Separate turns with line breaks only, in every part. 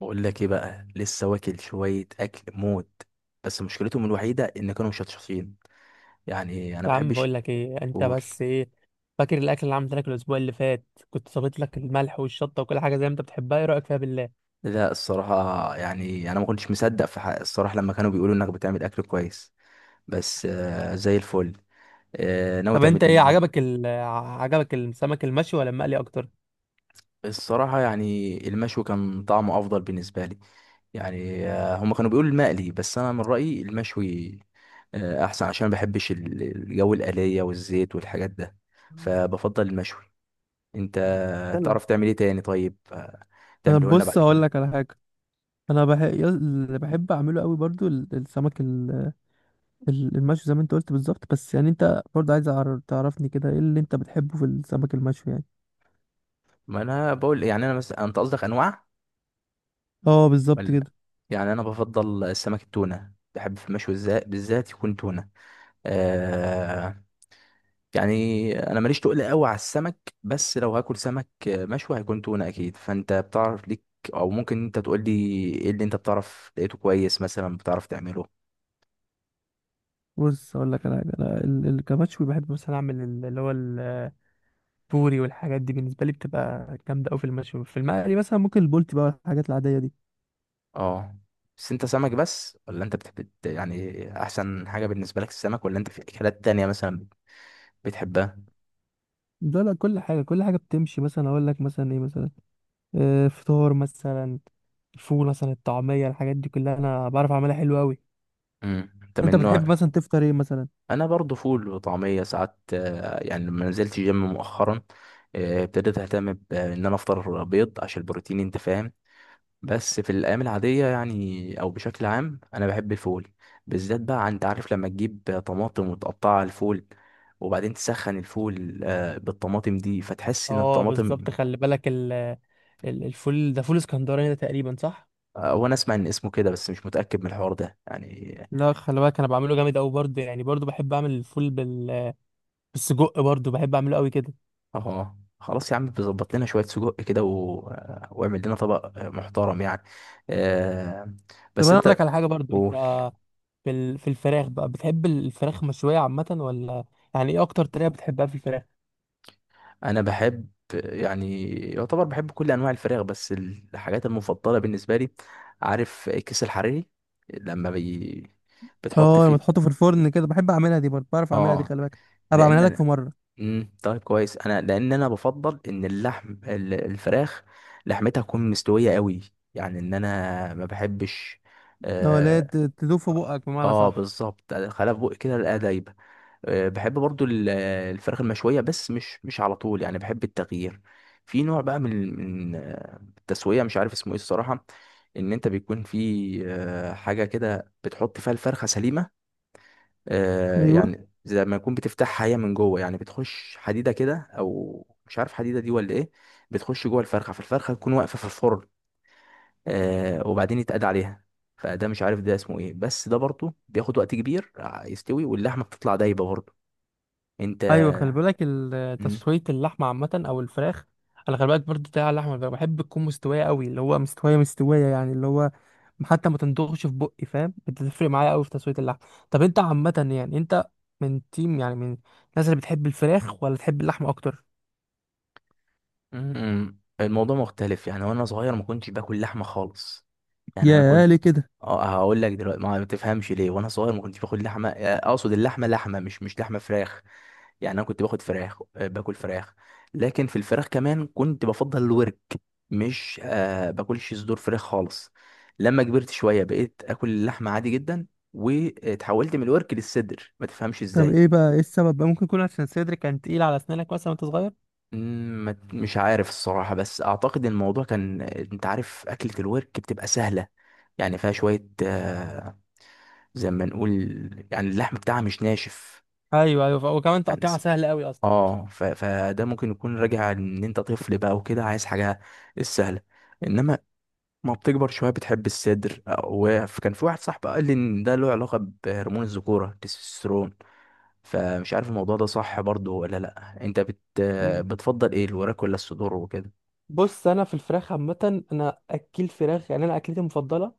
بقول لك ايه بقى. لسه واكل شويه اكل موت. بس مشكلتهم الوحيده ان كانوا مشطشطين. يعني انا
يا عم،
بحبش
بقول لك ايه؟ انت
اقول.
بس ايه، فاكر الاكل اللي عملت لك الاسبوع اللي فات؟ كنت صابت لك الملح والشطه وكل حاجه زي ما انت بتحبها. ايه رايك فيها بالله؟
لا، الصراحه يعني انا ما كنتش مصدق في حق الصراحه لما كانوا بيقولوا انك بتعمل اكل كويس. بس آه، زي الفل. آه، ناوي
طب
تعمل
انت ايه
لنا ايه؟
عجبك، عجبك السمك المشوي ولا المقلي اكتر؟
الصراحه يعني المشوي كان طعمه افضل بالنسبه لي. يعني آه، هم كانوا بيقولوا المقلي بس انا من رايي المشوي. آه، احسن عشان ما بحبش الجو الآلية والزيت والحاجات ده. فبفضل المشوي. انت
اتكلم.
تعرف تعمل ايه تاني؟ طيب آه،
أنا
تعمله لنا بعد
بص اقول
كده.
لك على حاجه. انا اللي بحب اعمله قوي برضو، السمك المشوي زي ما انت قلت بالظبط. بس يعني انت برضو عايز تعرفني كده ايه اللي انت بتحبه في السمك المشوي يعني.
ما انا بقول يعني انا مثلا، انت قصدك انواع
اه بالظبط
ولا؟
كده.
يعني انا بفضل السمك التونه، بحب في المشوي بالذات يكون تونه. آه. يعني انا ماليش تقل قوي على السمك، بس لو هاكل سمك مشوي هيكون تونه اكيد، فانت بتعرف ليك. او ممكن انت تقول لي ايه اللي انت بتعرف لقيته كويس مثلا بتعرف تعمله؟
بص اقول لك على حاجه، انا كمشوي بحب مثلا اعمل اللي هو بوري والحاجات دي، بالنسبه لي بتبقى جامده قوي في المشوي. في المقلي مثلا ممكن البولتي بقى، الحاجات العاديه دي.
اه. بس انت سمك بس ولا انت بتحب، يعني احسن حاجه بالنسبه لك السمك، ولا انت في اكلات تانية مثلا بتحبها؟
ده لا، كل حاجه كل حاجه بتمشي. مثلا اقول لك مثلا ايه، مثلا فطار مثلا، الفول مثلا، الطعميه، الحاجات دي كلها انا بعرف اعملها حلو قوي.
انت
انت
من
بتحب
نوع.
مثلا تفطر ايه مثلا؟
انا برضو فول وطعميه ساعات، يعني لما نزلت جيم مؤخرا. ابتديت اهتم بان انا افطر بيض عشان البروتين، انت فاهم. بس في الايام العاديه يعني او بشكل عام انا بحب الفول. بالذات بقى، انت عارف لما تجيب طماطم وتقطعها على الفول وبعدين تسخن الفول بالطماطم دي، فتحس ان
اه
الطماطم.
بالظبط، خلي بالك الفول ده فول اسكندراني ده تقريبا، صح؟
وانا اسمع ان اسمه كده بس مش متاكد من الحوار ده يعني.
لا، خلي بالك انا بعمله جامد قوي برضه، يعني برضه بحب اعمل الفول بالسجق. برضه بحب اعمله قوي كده.
اه، خلاص يا عم، بيظبط لنا شويه سجق كده و... آه، واعمل لنا طبق آه، محترم يعني. آه.
طب
بس
انا اقول لك
انت
على حاجه برضه
قول.
انت، في الفراخ بقى، بتحب الفراخ مشوية عامة ولا؟ يعني ايه اكتر طريقة بتحبها في الفراخ؟
انا بحب، يعني يعتبر بحب كل انواع الفراخ، بس الحاجات المفضله بالنسبه لي، عارف الكيس الحريري، لما بتحط
اه، لما
فيه.
تحطه في الفرن كده بحب اعملها دي، برضه بعرف اعملها دي،
اه،
خلي بالك. ابقى اعملها لك في
لان.
مره.
طيب، كويس، انا لان انا بفضل ان اللحم الفراخ لحمتها تكون مستويه قوي. يعني ان انا ما بحبش.
اه لا،
اه.
تدوب في بقك بمعنى،
آه
صح.
بالظبط، خلاف بقى كده الاقيها دايبه. آه، بحب برضو الفراخ المشويه، بس مش على طول، يعني بحب التغيير. في نوع بقى من التسويه، مش عارف اسمه ايه الصراحه. ان انت بيكون في آه، حاجه كده بتحط فيها الفرخه سليمه. آه،
ايوه،
يعني زي ما يكون بتفتحها هي من جوه، يعني بتخش حديده كده، او مش عارف حديده دي ولا ايه. بتخش جوه الفرخه، فالفرخه تكون واقفه في الفرن. آه، وبعدين يتقاد عليها. فده مش عارف ده اسمه ايه، بس ده برضه بياخد وقت كبير يستوي، واللحمه بتطلع دايبه برضه. انت.
ايوه، خلي بالك
مم.
تسوية اللحمة عامة او الفراخ. انا خلي بالك برضه بتاع اللحمة الفراخ، بحب تكون مستوية قوي، اللي هو مستوية مستوية يعني، اللي هو حتى ما تندغش في بقي. فاهم؟ بتفرق معايا قوي في تسوية اللحمة. طب انت عامة يعني انت من تيم، يعني من الناس اللي بتحب الفراخ ولا تحب اللحمة اكتر؟
مم. الموضوع مختلف، يعني وانا صغير ما كنتش باكل لحمه خالص. يعني انا
يا،
كنت.
ليه كده؟
اه، هقول لك دلوقتي ما تفهمش ليه. وانا صغير ما كنتش باكل لحمه، آه، اقصد اللحمه لحمه مش لحمه فراخ. يعني انا كنت باخد فراخ، آه، باكل فراخ. لكن في الفراخ كمان كنت بفضل الورك. مش باكلش صدور فراخ خالص. لما كبرت شويه بقيت اكل اللحمه عادي جدا، وتحولت من الورك للصدر، ما تفهمش
طب
ازاي.
ايه بقى، ايه السبب بقى؟ ممكن يكون عشان صدري كان تقيل على اسنانك مثلا وانت صغير؟
مم، مش عارف الصراحه، بس اعتقد الموضوع كان، انت عارف اكله الورك بتبقى سهله، يعني فيها شويه آه، زي ما نقول، يعني اللحم بتاعها مش ناشف.
ايوه، ايوه، وكمان
يعني
تقطيعها سهل قوي اصلا.
اه فده ممكن يكون راجع ان انت طفل بقى وكده، عايز حاجه السهله. انما ما بتكبر شويه بتحب الصدر. وكان في واحد صاحبي قال لي ان ده له علاقه بهرمون الذكوره، التستوستيرون. فمش عارف الموضوع ده صح برضو ولا لا. انت
مم.
بتفضل ايه، الوراك ولا الصدور وكده؟
بص انا في الفراخ عامه انا اكل فراخ. يعني انا اكلتي المفضله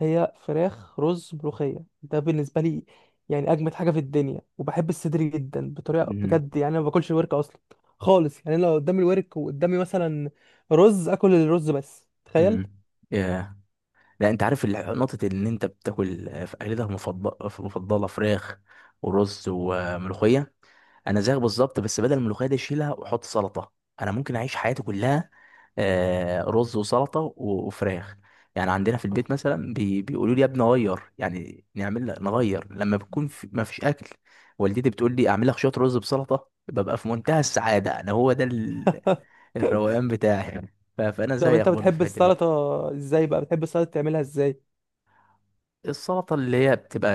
هي فراخ رز ملوخيه، ده بالنسبه لي يعني اجمد حاجه في الدنيا. وبحب الصدر جدا بطريقه
امم
بجد، يعني انا ما باكلش الورك اصلا خالص. يعني أنا لو قدامي الورك وقدامي مثلا رز، اكل الرز بس، تخيل.
امم. ياه. لا انت عارف نقطه ان انت بتاكل في اكلتك المفضله، مفضله فراخ ورز وملوخيه، انا زيك بالظبط، بس بدل الملوخيه دي اشيلها واحط سلطه. انا ممكن اعيش حياتي كلها آه، رز وسلطه وفراخ. يعني عندنا في البيت مثلا بيقولوا لي يا ابني غير، يعني نعمل نغير لما بكون في ما فيش اكل. والدتي بتقول لي اعمل لك شويه رز بسلطه، ببقى في منتهى السعاده. انا هو ده الروقان بتاعي. فانا
طب
زيك
انت
برضه في
بتحب
الحته دي.
السلطه؟ ازاي بقى بتحب السلطه؟ تعملها ازاي؟
السلطه اللي هي بتبقى،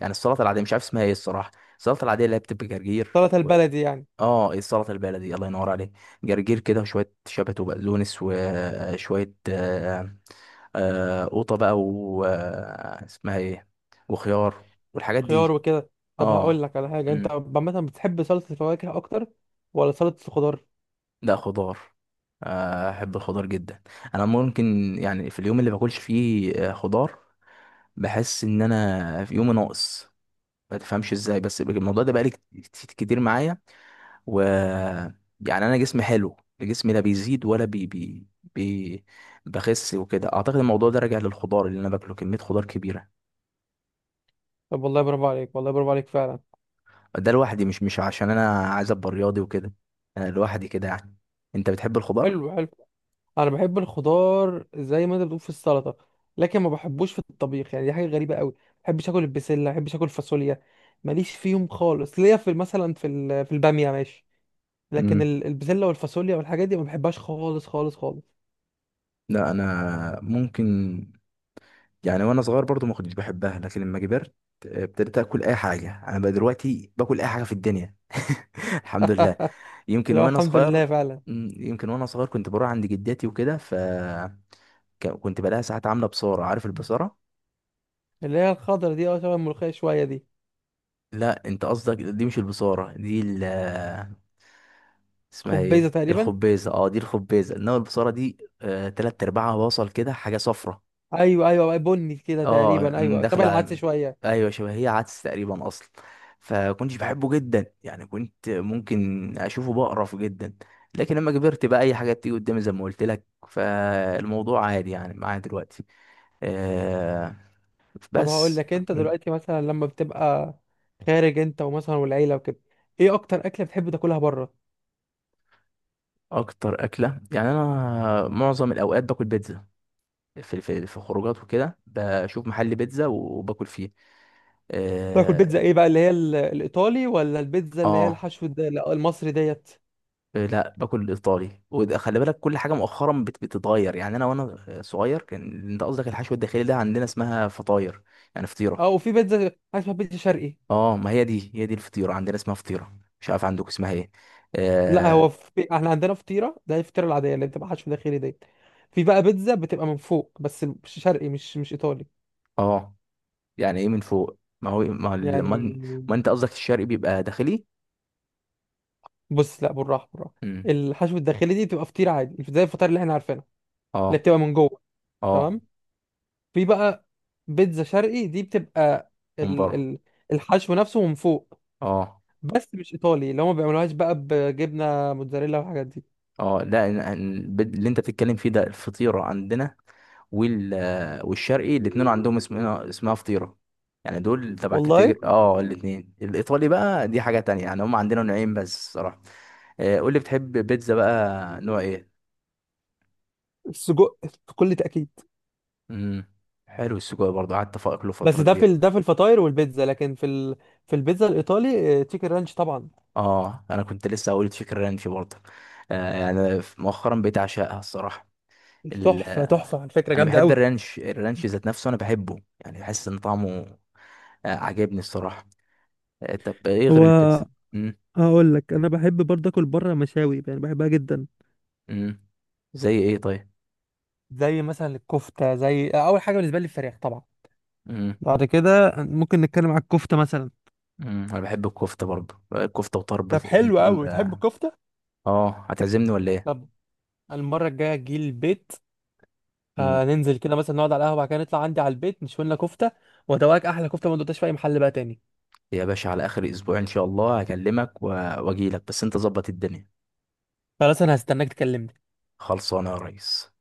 يعني السلطه العاديه مش عارف اسمها ايه الصراحه. السلطه العاديه اللي هي بتبقى جرجير.
السلطه البلدي يعني
اه، إيه، السلطه البلدي، الله ينور عليك. جرجير كده وشويه شبت وبقدونس وشويه آه، آه، قوطه بقى و آه، اسمها ايه، وخيار والحاجات دي.
خيار وكده؟ طب هقول
اه.
لك على حاجه، انت
امم
عامه بتحب سلطه الفواكه اكتر ولا سلطه الخضار؟
لا، خضار. آه، احب الخضار جدا. انا ممكن يعني في اليوم اللي باكلش فيه آه، خضار، بحس ان انا في يوم ناقص. ما تفهمش ازاي، بس الموضوع ده بقالي كتير معايا. و يعني انا جسمي حلو، جسمي لا بيزيد ولا بي... بخس وكده. اعتقد الموضوع ده راجع للخضار اللي انا باكله، كميه خضار كبيره.
طب والله برافو عليك، والله برافو عليك فعلا.
ده لوحدي، مش عشان انا عايز ابقى رياضي وكده. انا لوحدي كده يعني. انت بتحب الخضار؟
حلو حلو. انا بحب الخضار زي ما انت بتقول في السلطه، لكن ما بحبوش في الطبيخ. يعني دي حاجه غريبه قوي. ما بحبش اكل البسله، ما بحبش اكل فاصوليا، ماليش فيهم خالص. ليا في مثلا في الباميه ماشي، لكن
امم
البسله والفاصوليا والحاجات دي ما بحبهاش خالص خالص خالص.
لا، انا ممكن. يعني وانا صغير برضو ما كنتش بحبها، لكن لما كبرت آه، ابتديت اكل اي حاجه. انا بقى دلوقتي باكل اي حاجه في الدنيا الحمد لله. يمكن
اللي هو
وانا
الحمد
صغير.
لله فعلا.
مم، يمكن وانا صغير كنت بروح عند جداتي وكده، ف كنت بلاقيها ساعات عاملة بصارة. عارف البصارة؟
اللي هي الخضره دي، اه شبه الملوخيه شويه دي؟
لا، انت قصدك دي مش البصارة، دي اسمها
خبيزه
ايه،
تقريبا؟
الخبيزة. اه، دي الخبيزة. انما البصارة دي آه، تلات ارباعها بصل كده، حاجة صفرة.
ايوه ايوه بني كده
اه.
تقريبا، ايوه شبه
داخلة
العدس
على-
شويه.
ايوه، شبه هي عدس تقريبا اصلا. فكنتش بحبه جدا، يعني كنت ممكن اشوفه بقرف جدا. لكن لما كبرت بقى اي حاجة بتيجي قدامي، زي ما قلت لك، فالموضوع عادي يعني معايا دلوقتي. آه.
طب هقول
بس.
لك، انت دلوقتي مثلا لما بتبقى خارج انت ومثلا والعيله وكده، ايه اكتر اكله بتحب تاكلها بره؟
اكتر اكله يعني انا معظم الاوقات باكل بيتزا. في خروجات وكده بشوف محل بيتزا وباكل فيه.
تاكل
اه.
بيتزا؟ ايه بقى، اللي هي الايطالي ولا البيتزا اللي هي
آه،
الحشو ده؟ لا، المصري ديت.
لا، باكل الايطالي. وده خلي بالك كل حاجه مؤخرا بتتغير. يعني انا وانا صغير كان، انت قصدك الحشو الداخلي ده عندنا اسمها فطاير، يعني فطيره.
اه، وفي بيتزا حاجه اسمها بيتزا شرقي.
اه، ما هي دي، هي دي الفطيره، عندنا اسمها فطيره، مش عارف عندك اسمها ايه.
لا
اه.
هو احنا عندنا فطيره، ده هي الفطيره العاديه اللي بتبقى حشو داخلي ديت. في بقى بيتزا بتبقى من فوق بس، مش شرقي، مش ايطالي
آه. يعني ايه من فوق؟ ما هو إيه؟
يعني.
ما انت قصدك الشرقي بيبقى داخلي.
بص، لا، بالراحه بالراحه.
امم
الحشو الداخلي دي بتبقى فطيره عادي زي الفطار اللي احنا عارفينها، اللي
اه.
بتبقى من جوه،
اه.
تمام. في بقى بيتزا شرقي، دي بتبقى
من
ال
بره.
ال الحشو نفسه من فوق،
اه.
بس مش ايطالي اللي هم ما بيعملوهاش بقى بجبنه موتزاريلا والحاجات دي.
اه، لا، اللي انت بتتكلم فيه ده الفطيره عندنا. وال آه، والشرقي الاثنين عندهم اسمها فطيره. يعني دول تبع
والله؟
كاتيجوري، اه، الاثنين. الايطالي بقى دي حاجه تانية، يعني هم عندنا نوعين بس صراحه. آه، قول لي بتحب بيتزا بقى نوع ايه؟
السجق، بكل تاكيد.
امم حلو. السجق برضه قعدت اكله
بس
فتره
ده في
كبيره.
ده في الفطاير والبيتزا، لكن في البيتزا الايطالي، تشيكن رانش طبعا.
اه، انا كنت لسه هقول تشيكن رانش برضه. آه، يعني مؤخرا بقيت اعشقها الصراحه. ال...
تحفه تحفه على فكره،
انا
جامده
بحب
قوي.
الرانش، الرانش ذات نفسه انا بحبه، يعني بحس ان طعمه آه، عاجبني الصراحه. آه، طب ايه غير
هو
البيتزا؟ امم
هقول لك انا بحب برضه اكل بره مشاوي يعني، بحبها جدا.
امم. زي ايه طيب؟
زي مثلا الكفته، زي اول حاجه بالنسبه لي الفراخ طبعا،
امم
بعد كده ممكن نتكلم على الكفته مثلا.
امم. انا بحب الكفته برضه، الكفته وطرب
طب حلو
الاتنين
قوي، بتحب
بقى.
الكفته؟
اه، هتعزمني ولا ايه؟
طب المره الجايه تجي البيت،
امم
ننزل كده مثلا نقعد على القهوه، بعد كده نطلع عندي على البيت نشوي لنا كفته وادوقك احلى كفته ما دوقتهاش في اي محل بقى تاني.
يا باشا، على اخر اسبوع ان شاء الله هكلمك واجيلك، بس انت ظبط الدنيا.
خلاص، انا هستناك تكلمني.
خلصانه يا ريس.